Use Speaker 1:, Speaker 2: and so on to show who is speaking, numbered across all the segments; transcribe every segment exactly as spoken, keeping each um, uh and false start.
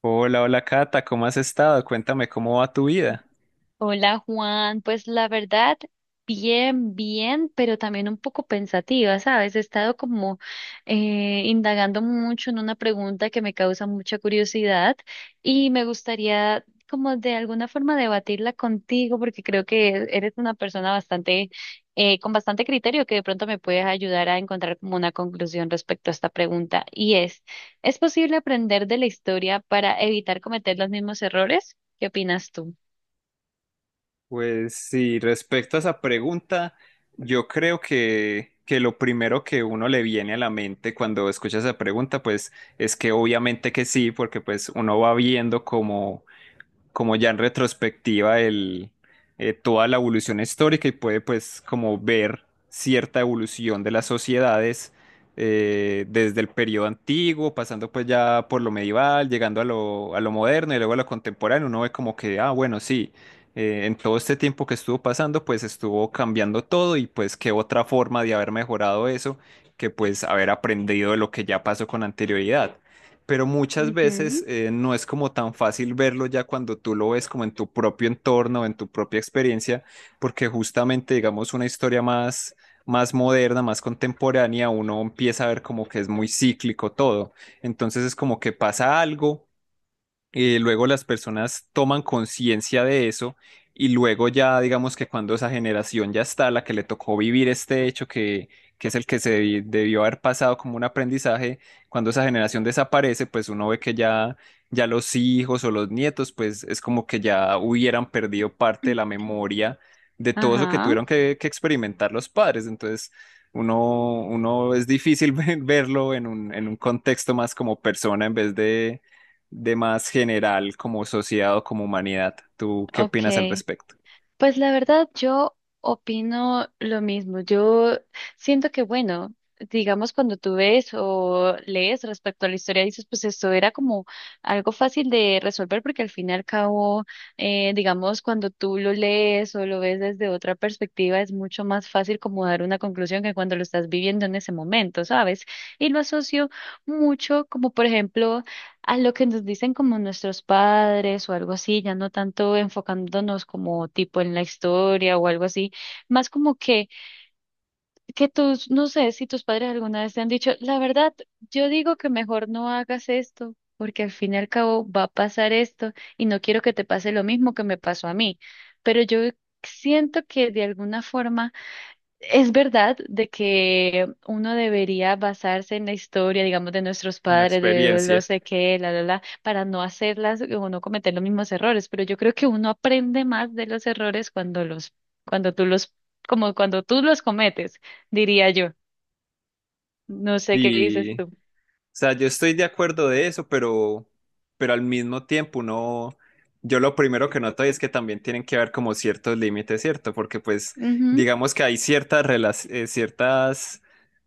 Speaker 1: Hola, hola Cata, ¿cómo has estado? Cuéntame cómo va tu vida.
Speaker 2: Hola Juan, pues la verdad, bien, bien, pero también un poco pensativa, ¿sabes? He estado como eh, indagando mucho en una pregunta que me causa mucha curiosidad y me gustaría como de alguna forma debatirla contigo porque creo que eres una persona bastante, eh, con bastante criterio que de pronto me puedes ayudar a encontrar como una conclusión respecto a esta pregunta y es, ¿es posible aprender de la historia para evitar cometer los mismos errores? ¿Qué opinas tú?
Speaker 1: Pues sí, respecto a esa pregunta, yo creo que, que lo primero que uno le viene a la mente cuando escucha esa pregunta, pues es que obviamente que sí, porque pues uno va viendo como como ya en retrospectiva el, eh, toda la evolución histórica, y puede pues como ver cierta evolución de las sociedades eh, desde el periodo antiguo, pasando pues ya por lo medieval, llegando a lo, a lo moderno y luego a lo contemporáneo. Uno ve como que, ah, bueno, sí, eh, en todo este tiempo que estuvo pasando pues estuvo cambiando todo, y pues qué otra forma de haber mejorado eso que pues haber aprendido de lo que ya pasó con anterioridad. Pero muchas veces
Speaker 2: Ujú.
Speaker 1: eh, no es como tan fácil verlo ya cuando tú lo ves como en tu propio entorno, en tu propia experiencia, porque justamente, digamos, una historia más, más moderna, más contemporánea, uno empieza a ver como que es muy cíclico todo. Entonces es como que pasa algo, eh, luego las personas toman conciencia de eso, y luego ya digamos que cuando esa generación ya está, la que le tocó vivir este hecho que, que es el que se debi- debió haber pasado como un aprendizaje. Cuando esa generación desaparece, pues uno ve que ya, ya los hijos o los nietos, pues es como que ya hubieran perdido parte de la memoria de todo eso que
Speaker 2: Ajá,
Speaker 1: tuvieron que, que experimentar los padres. Entonces... Uno, uno es difícil verlo en un, en un contexto más como persona, en vez de, de más general como sociedad o como humanidad. ¿Tú qué opinas al
Speaker 2: ok.
Speaker 1: respecto?
Speaker 2: Pues la verdad yo opino lo mismo. Yo siento que, bueno, digamos cuando tú ves o lees respecto a la historia, dices, pues esto era como algo fácil de resolver porque al fin y al cabo, eh, digamos, cuando tú lo lees o lo ves desde otra perspectiva, es mucho más fácil como dar una conclusión que cuando lo estás viviendo en ese momento, ¿sabes? Y lo asocio mucho como, por ejemplo, a lo que nos dicen como nuestros padres o algo así, ya no tanto enfocándonos como tipo en la historia o algo así, más como que, que tus, no sé si tus padres alguna vez te han dicho, la verdad, yo digo que mejor no hagas esto, porque al fin y al cabo va a pasar esto y no quiero que te pase lo mismo que me pasó a mí, pero yo siento que de alguna forma es verdad de que uno debería basarse en la historia, digamos, de nuestros
Speaker 1: Una
Speaker 2: padres, de no
Speaker 1: experiencia.
Speaker 2: sé qué, la, la, la, para no hacerlas o no cometer los mismos errores, pero yo creo que uno aprende más de los errores cuando los, cuando tú los, como cuando tú los cometes, diría yo. No sé qué dices
Speaker 1: Y, o
Speaker 2: tú.
Speaker 1: sea, yo estoy de acuerdo de eso, pero, pero al mismo tiempo no, yo lo primero que noto es que también tienen que haber como ciertos límites, ¿cierto? Porque pues
Speaker 2: Ujú,
Speaker 1: digamos que hay ciertas, rela- eh, ciertas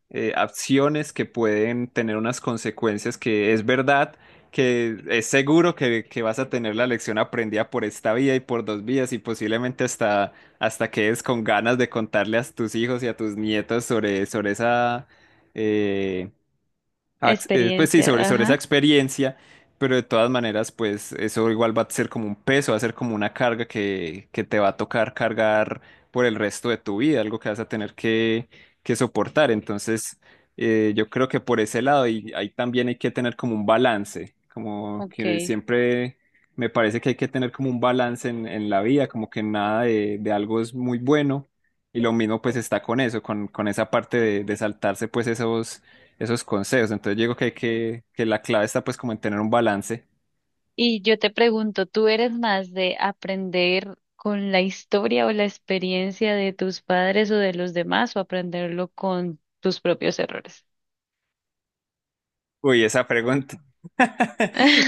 Speaker 1: eh, acciones que pueden tener unas consecuencias que es verdad, que es seguro que, que vas a tener la lección aprendida por esta vía y por dos vías, y posiblemente hasta, hasta quedes con ganas de contarle a tus hijos y a tus nietos sobre, sobre esa... eh, ax- eh, Pues sí,
Speaker 2: Experiencia,
Speaker 1: sobre, sobre esa
Speaker 2: ajá,
Speaker 1: experiencia. Pero de todas maneras, pues eso igual va a ser como un peso, va a ser como una carga que, que te va a tocar cargar por el resto de tu vida, algo que vas a tener que, que soportar. Entonces, eh, yo creo que por ese lado, y ahí también hay que tener como un balance, como que
Speaker 2: ok.
Speaker 1: siempre me parece que hay que tener como un balance en, en la vida, como que nada de, de algo es muy bueno. Y lo mismo pues está con eso, con, con esa parte de, de saltarse pues esos esos consejos. Entonces yo digo que hay que, que la clave está pues como en tener un balance.
Speaker 2: Y yo te pregunto, ¿tú eres más de aprender con la historia o la experiencia de tus padres o de los demás o aprenderlo con tus propios errores?
Speaker 1: Uy, esa pregunta,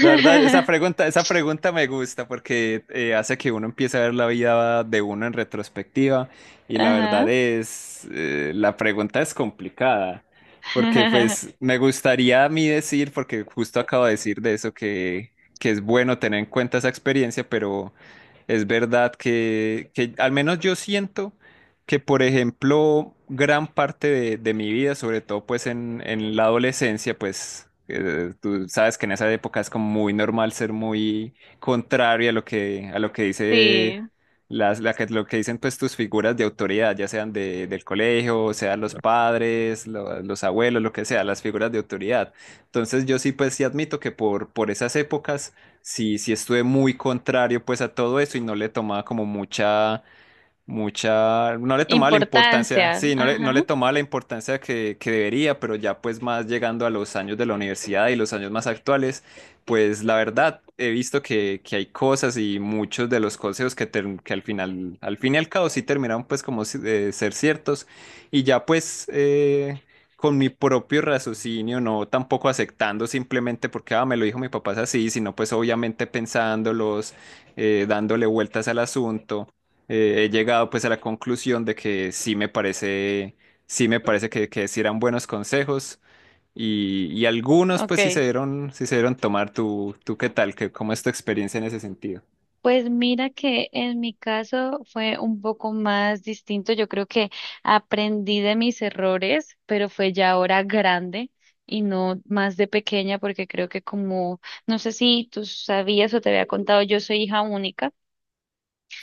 Speaker 1: la verdad, esa pregunta, esa pregunta me gusta, porque eh, hace que uno empiece a ver la vida de uno en retrospectiva. Y la verdad
Speaker 2: Ajá.
Speaker 1: es, eh, la pregunta es complicada, porque pues me gustaría a mí decir, porque justo acabo de decir de eso, que, que es bueno tener en cuenta esa experiencia, pero es verdad que, que al menos yo siento que, por ejemplo, gran parte de, de mi vida, sobre todo pues en, en la adolescencia, pues eh, tú sabes que en esa época es como muy normal ser muy contrario a lo que, a lo que dice
Speaker 2: Sí,
Speaker 1: las, la que- lo que dicen pues tus figuras de autoridad, ya sean de, del colegio, sean los padres, lo- los abuelos, lo que sea, las figuras de autoridad. Entonces yo sí, pues sí admito que por, por esas épocas sí, sí estuve muy contrario pues a todo eso, y no le tomaba como mucha mucha, no le tomaba la importancia,
Speaker 2: importancia.
Speaker 1: sí, no le, no le
Speaker 2: Ajá.
Speaker 1: tomaba la importancia que, que debería. Pero ya pues más llegando a los años de la universidad y los años más actuales, pues la verdad he visto que, que hay cosas, y muchos de los consejos que, ter- que al final, al fin y al cabo sí terminaron pues como si- eh, ser ciertos. Y ya pues... eh, con mi propio raciocinio, no, tampoco aceptando simplemente porque, ah, me lo dijo mi papá, es así, sino pues obviamente pensándolos, eh, dándole vueltas al asunto, eh, he llegado pues a la conclusión de que sí me parece, sí me parece que, que sí eran buenos consejos, y, y algunos pues sí se
Speaker 2: Ok.
Speaker 1: dieron, sí se dieron tomar. ¿Tú, tú qué tal? ¿Qué, cómo es tu experiencia en ese sentido?
Speaker 2: Pues mira que en mi caso fue un poco más distinto. Yo creo que aprendí de mis errores, pero fue ya ahora grande y no más de pequeña, porque creo que como, no sé si tú sabías o te había contado, yo soy hija única,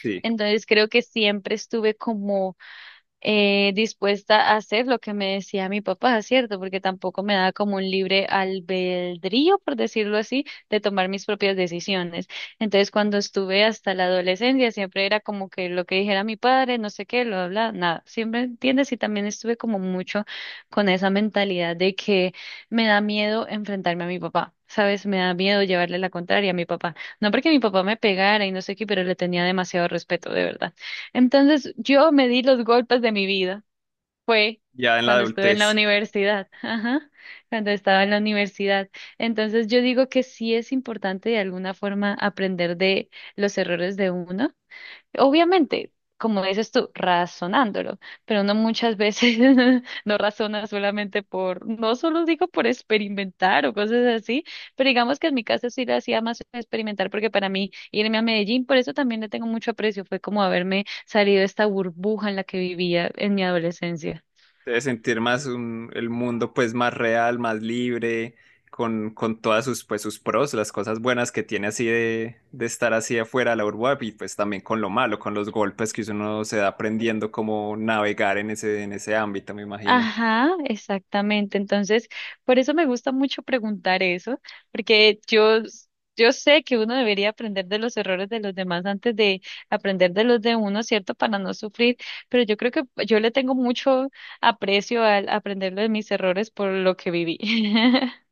Speaker 1: Sí,
Speaker 2: entonces creo que siempre estuve como eh, dispuesta a hacer lo que me decía mi papá, ¿cierto? Porque tampoco me daba como un libre albedrío, por decirlo así, de tomar mis propias decisiones. Entonces, cuando estuve hasta la adolescencia, siempre era como que lo que dijera mi padre, no sé qué, lo habla, nada. Siempre, ¿entiendes? Y también estuve como mucho con esa mentalidad de que me da miedo enfrentarme a mi papá. ¿Sabes? Me da miedo llevarle la contraria a mi papá. No porque mi papá me pegara y no sé qué, pero le tenía demasiado respeto, de verdad. Entonces yo me di los golpes de mi vida. Fue
Speaker 1: ya en la
Speaker 2: cuando estuve en la
Speaker 1: adultez.
Speaker 2: universidad. Ajá, cuando estaba en la universidad. Entonces yo digo que sí es importante de alguna forma aprender de los errores de uno. Obviamente, como dices tú, razonándolo, pero no muchas veces no razona solamente por, no solo digo por experimentar o cosas así, pero digamos que en mi caso sí lo hacía más experimentar porque para mí irme a Medellín, por eso también le tengo mucho aprecio, fue como haberme salido de esta burbuja en la que vivía en mi adolescencia.
Speaker 1: Debes sentir más un- el mundo pues más real, más libre, con, con todas sus pues sus pros, las cosas buenas que tiene así de, de estar así afuera de la urba, y pues también con lo malo, con los golpes que uno se da aprendiendo cómo navegar en ese, en ese ámbito, me imagino.
Speaker 2: Ajá, exactamente. Entonces, por eso me gusta mucho preguntar eso, porque yo, yo sé que uno debería aprender de los errores de los demás antes de aprender de los de uno, ¿cierto? Para no sufrir, pero yo creo que yo le tengo mucho aprecio al aprender de mis errores por lo que viví.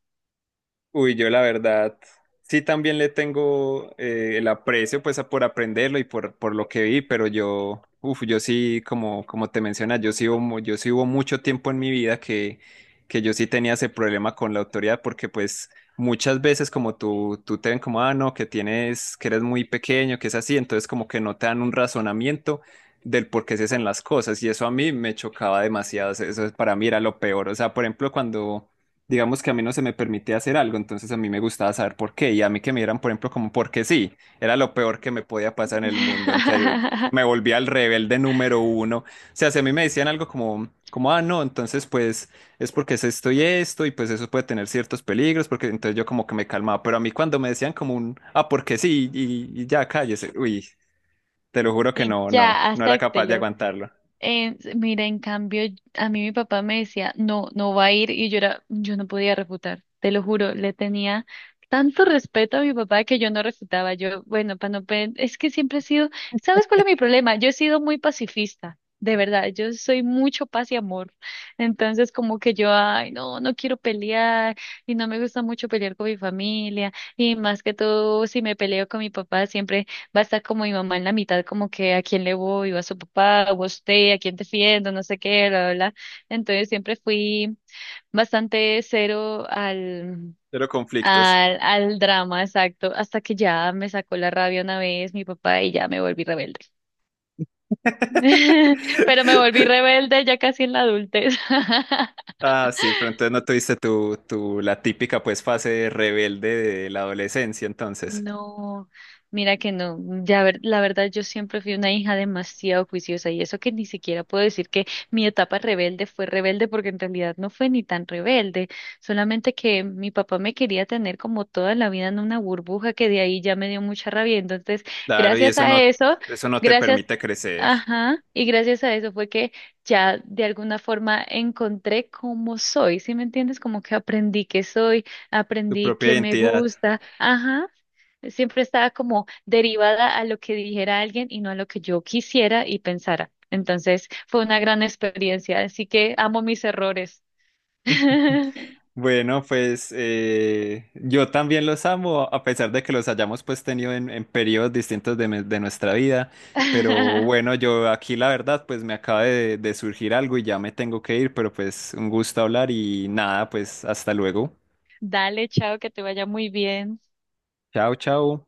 Speaker 1: Uy, yo la verdad sí también le tengo eh, el aprecio pues a- por aprenderlo, y por, por lo que vi. Pero yo, uf, yo sí, como, como te mencionas, yo sí, hubo, mu- yo sí hubo mucho tiempo en mi vida que, que yo sí tenía ese problema con la autoridad, porque pues muchas veces como tú, tú te ven como, ah, no, que tienes, que eres muy pequeño, que es así, entonces como que no te dan un razonamiento del por qué se hacen las cosas, y eso a mí me chocaba demasiado. O sea, eso para mí era lo peor. O sea, por ejemplo, cuando digamos que a mí no se me permitía hacer algo, entonces a mí me gustaba saber por qué, y a mí que me dieran, por ejemplo, como porque sí, era lo peor que me podía pasar en el mundo, en serio. Me volvía el rebelde número uno. O sea, si a mí me decían algo como, como, ah, no, entonces pues es porque es esto y esto, y pues eso puede tener ciertos peligros, porque entonces yo como que me calmaba. Pero a mí cuando me decían como un, ah, porque sí, y, y ya cállese, uy, te lo juro que
Speaker 2: Y
Speaker 1: no, no,
Speaker 2: ya,
Speaker 1: no era capaz de
Speaker 2: acéptelo.
Speaker 1: aguantarlo.
Speaker 2: Eh, mira, en cambio, a mí mi papá me decía, no, no va a ir, y yo era, yo no podía refutar, te lo juro, le tenía tanto respeto a mi papá que yo no refutaba. Yo, bueno, para no, pe- es que siempre he sido, ¿sabes cuál es mi problema? Yo he sido muy pacifista, de verdad, yo soy mucho paz y amor. Entonces, como que yo, ay, no, no quiero pelear, y no me gusta mucho pelear con mi familia, y más que todo, si me peleo con mi papá, siempre va a estar como mi mamá en la mitad, como que a quién le voy, o a su papá, o a usted, a quién defiendo, no sé qué, bla, bla, bla. Entonces siempre fui bastante cero al,
Speaker 1: Pero conflictos.
Speaker 2: al, al drama, exacto, hasta que ya me sacó la rabia una vez mi papá y ya me volví rebelde. Pero me volví rebelde ya casi en la adultez.
Speaker 1: Ah, sí, pero entonces no tuviste tu, tu, la típica pues fase rebelde de la adolescencia, entonces.
Speaker 2: No, mira que no. mm, Ya ver, la verdad, yo siempre fui una hija demasiado juiciosa y eso que ni siquiera puedo decir que mi etapa rebelde fue rebelde porque en realidad no fue ni tan rebelde, solamente que mi papá me quería tener como toda la vida en una burbuja que de ahí ya me dio mucha rabia. Entonces,
Speaker 1: Claro, y
Speaker 2: gracias
Speaker 1: eso
Speaker 2: a
Speaker 1: no,
Speaker 2: eso,
Speaker 1: eso no te
Speaker 2: gracias.
Speaker 1: permite crecer,
Speaker 2: Ajá, y gracias a eso fue que ya de alguna forma encontré cómo soy, ¿sí me entiendes? Como que aprendí que soy,
Speaker 1: tu
Speaker 2: aprendí
Speaker 1: propia
Speaker 2: que me
Speaker 1: identidad.
Speaker 2: gusta, ajá. Siempre estaba como derivada a lo que dijera alguien y no a lo que yo quisiera y pensara. Entonces fue una gran experiencia, así que amo mis errores.
Speaker 1: Bueno, pues eh, yo también los amo, a pesar de que los hayamos pues tenido en, en periodos distintos de, me- de nuestra vida. Pero bueno, yo aquí la verdad pues me acaba de, de surgir algo y ya me tengo que ir, pero pues un gusto hablar, y nada, pues hasta luego.
Speaker 2: Dale, chao, que te vaya muy bien.
Speaker 1: Chao, chao.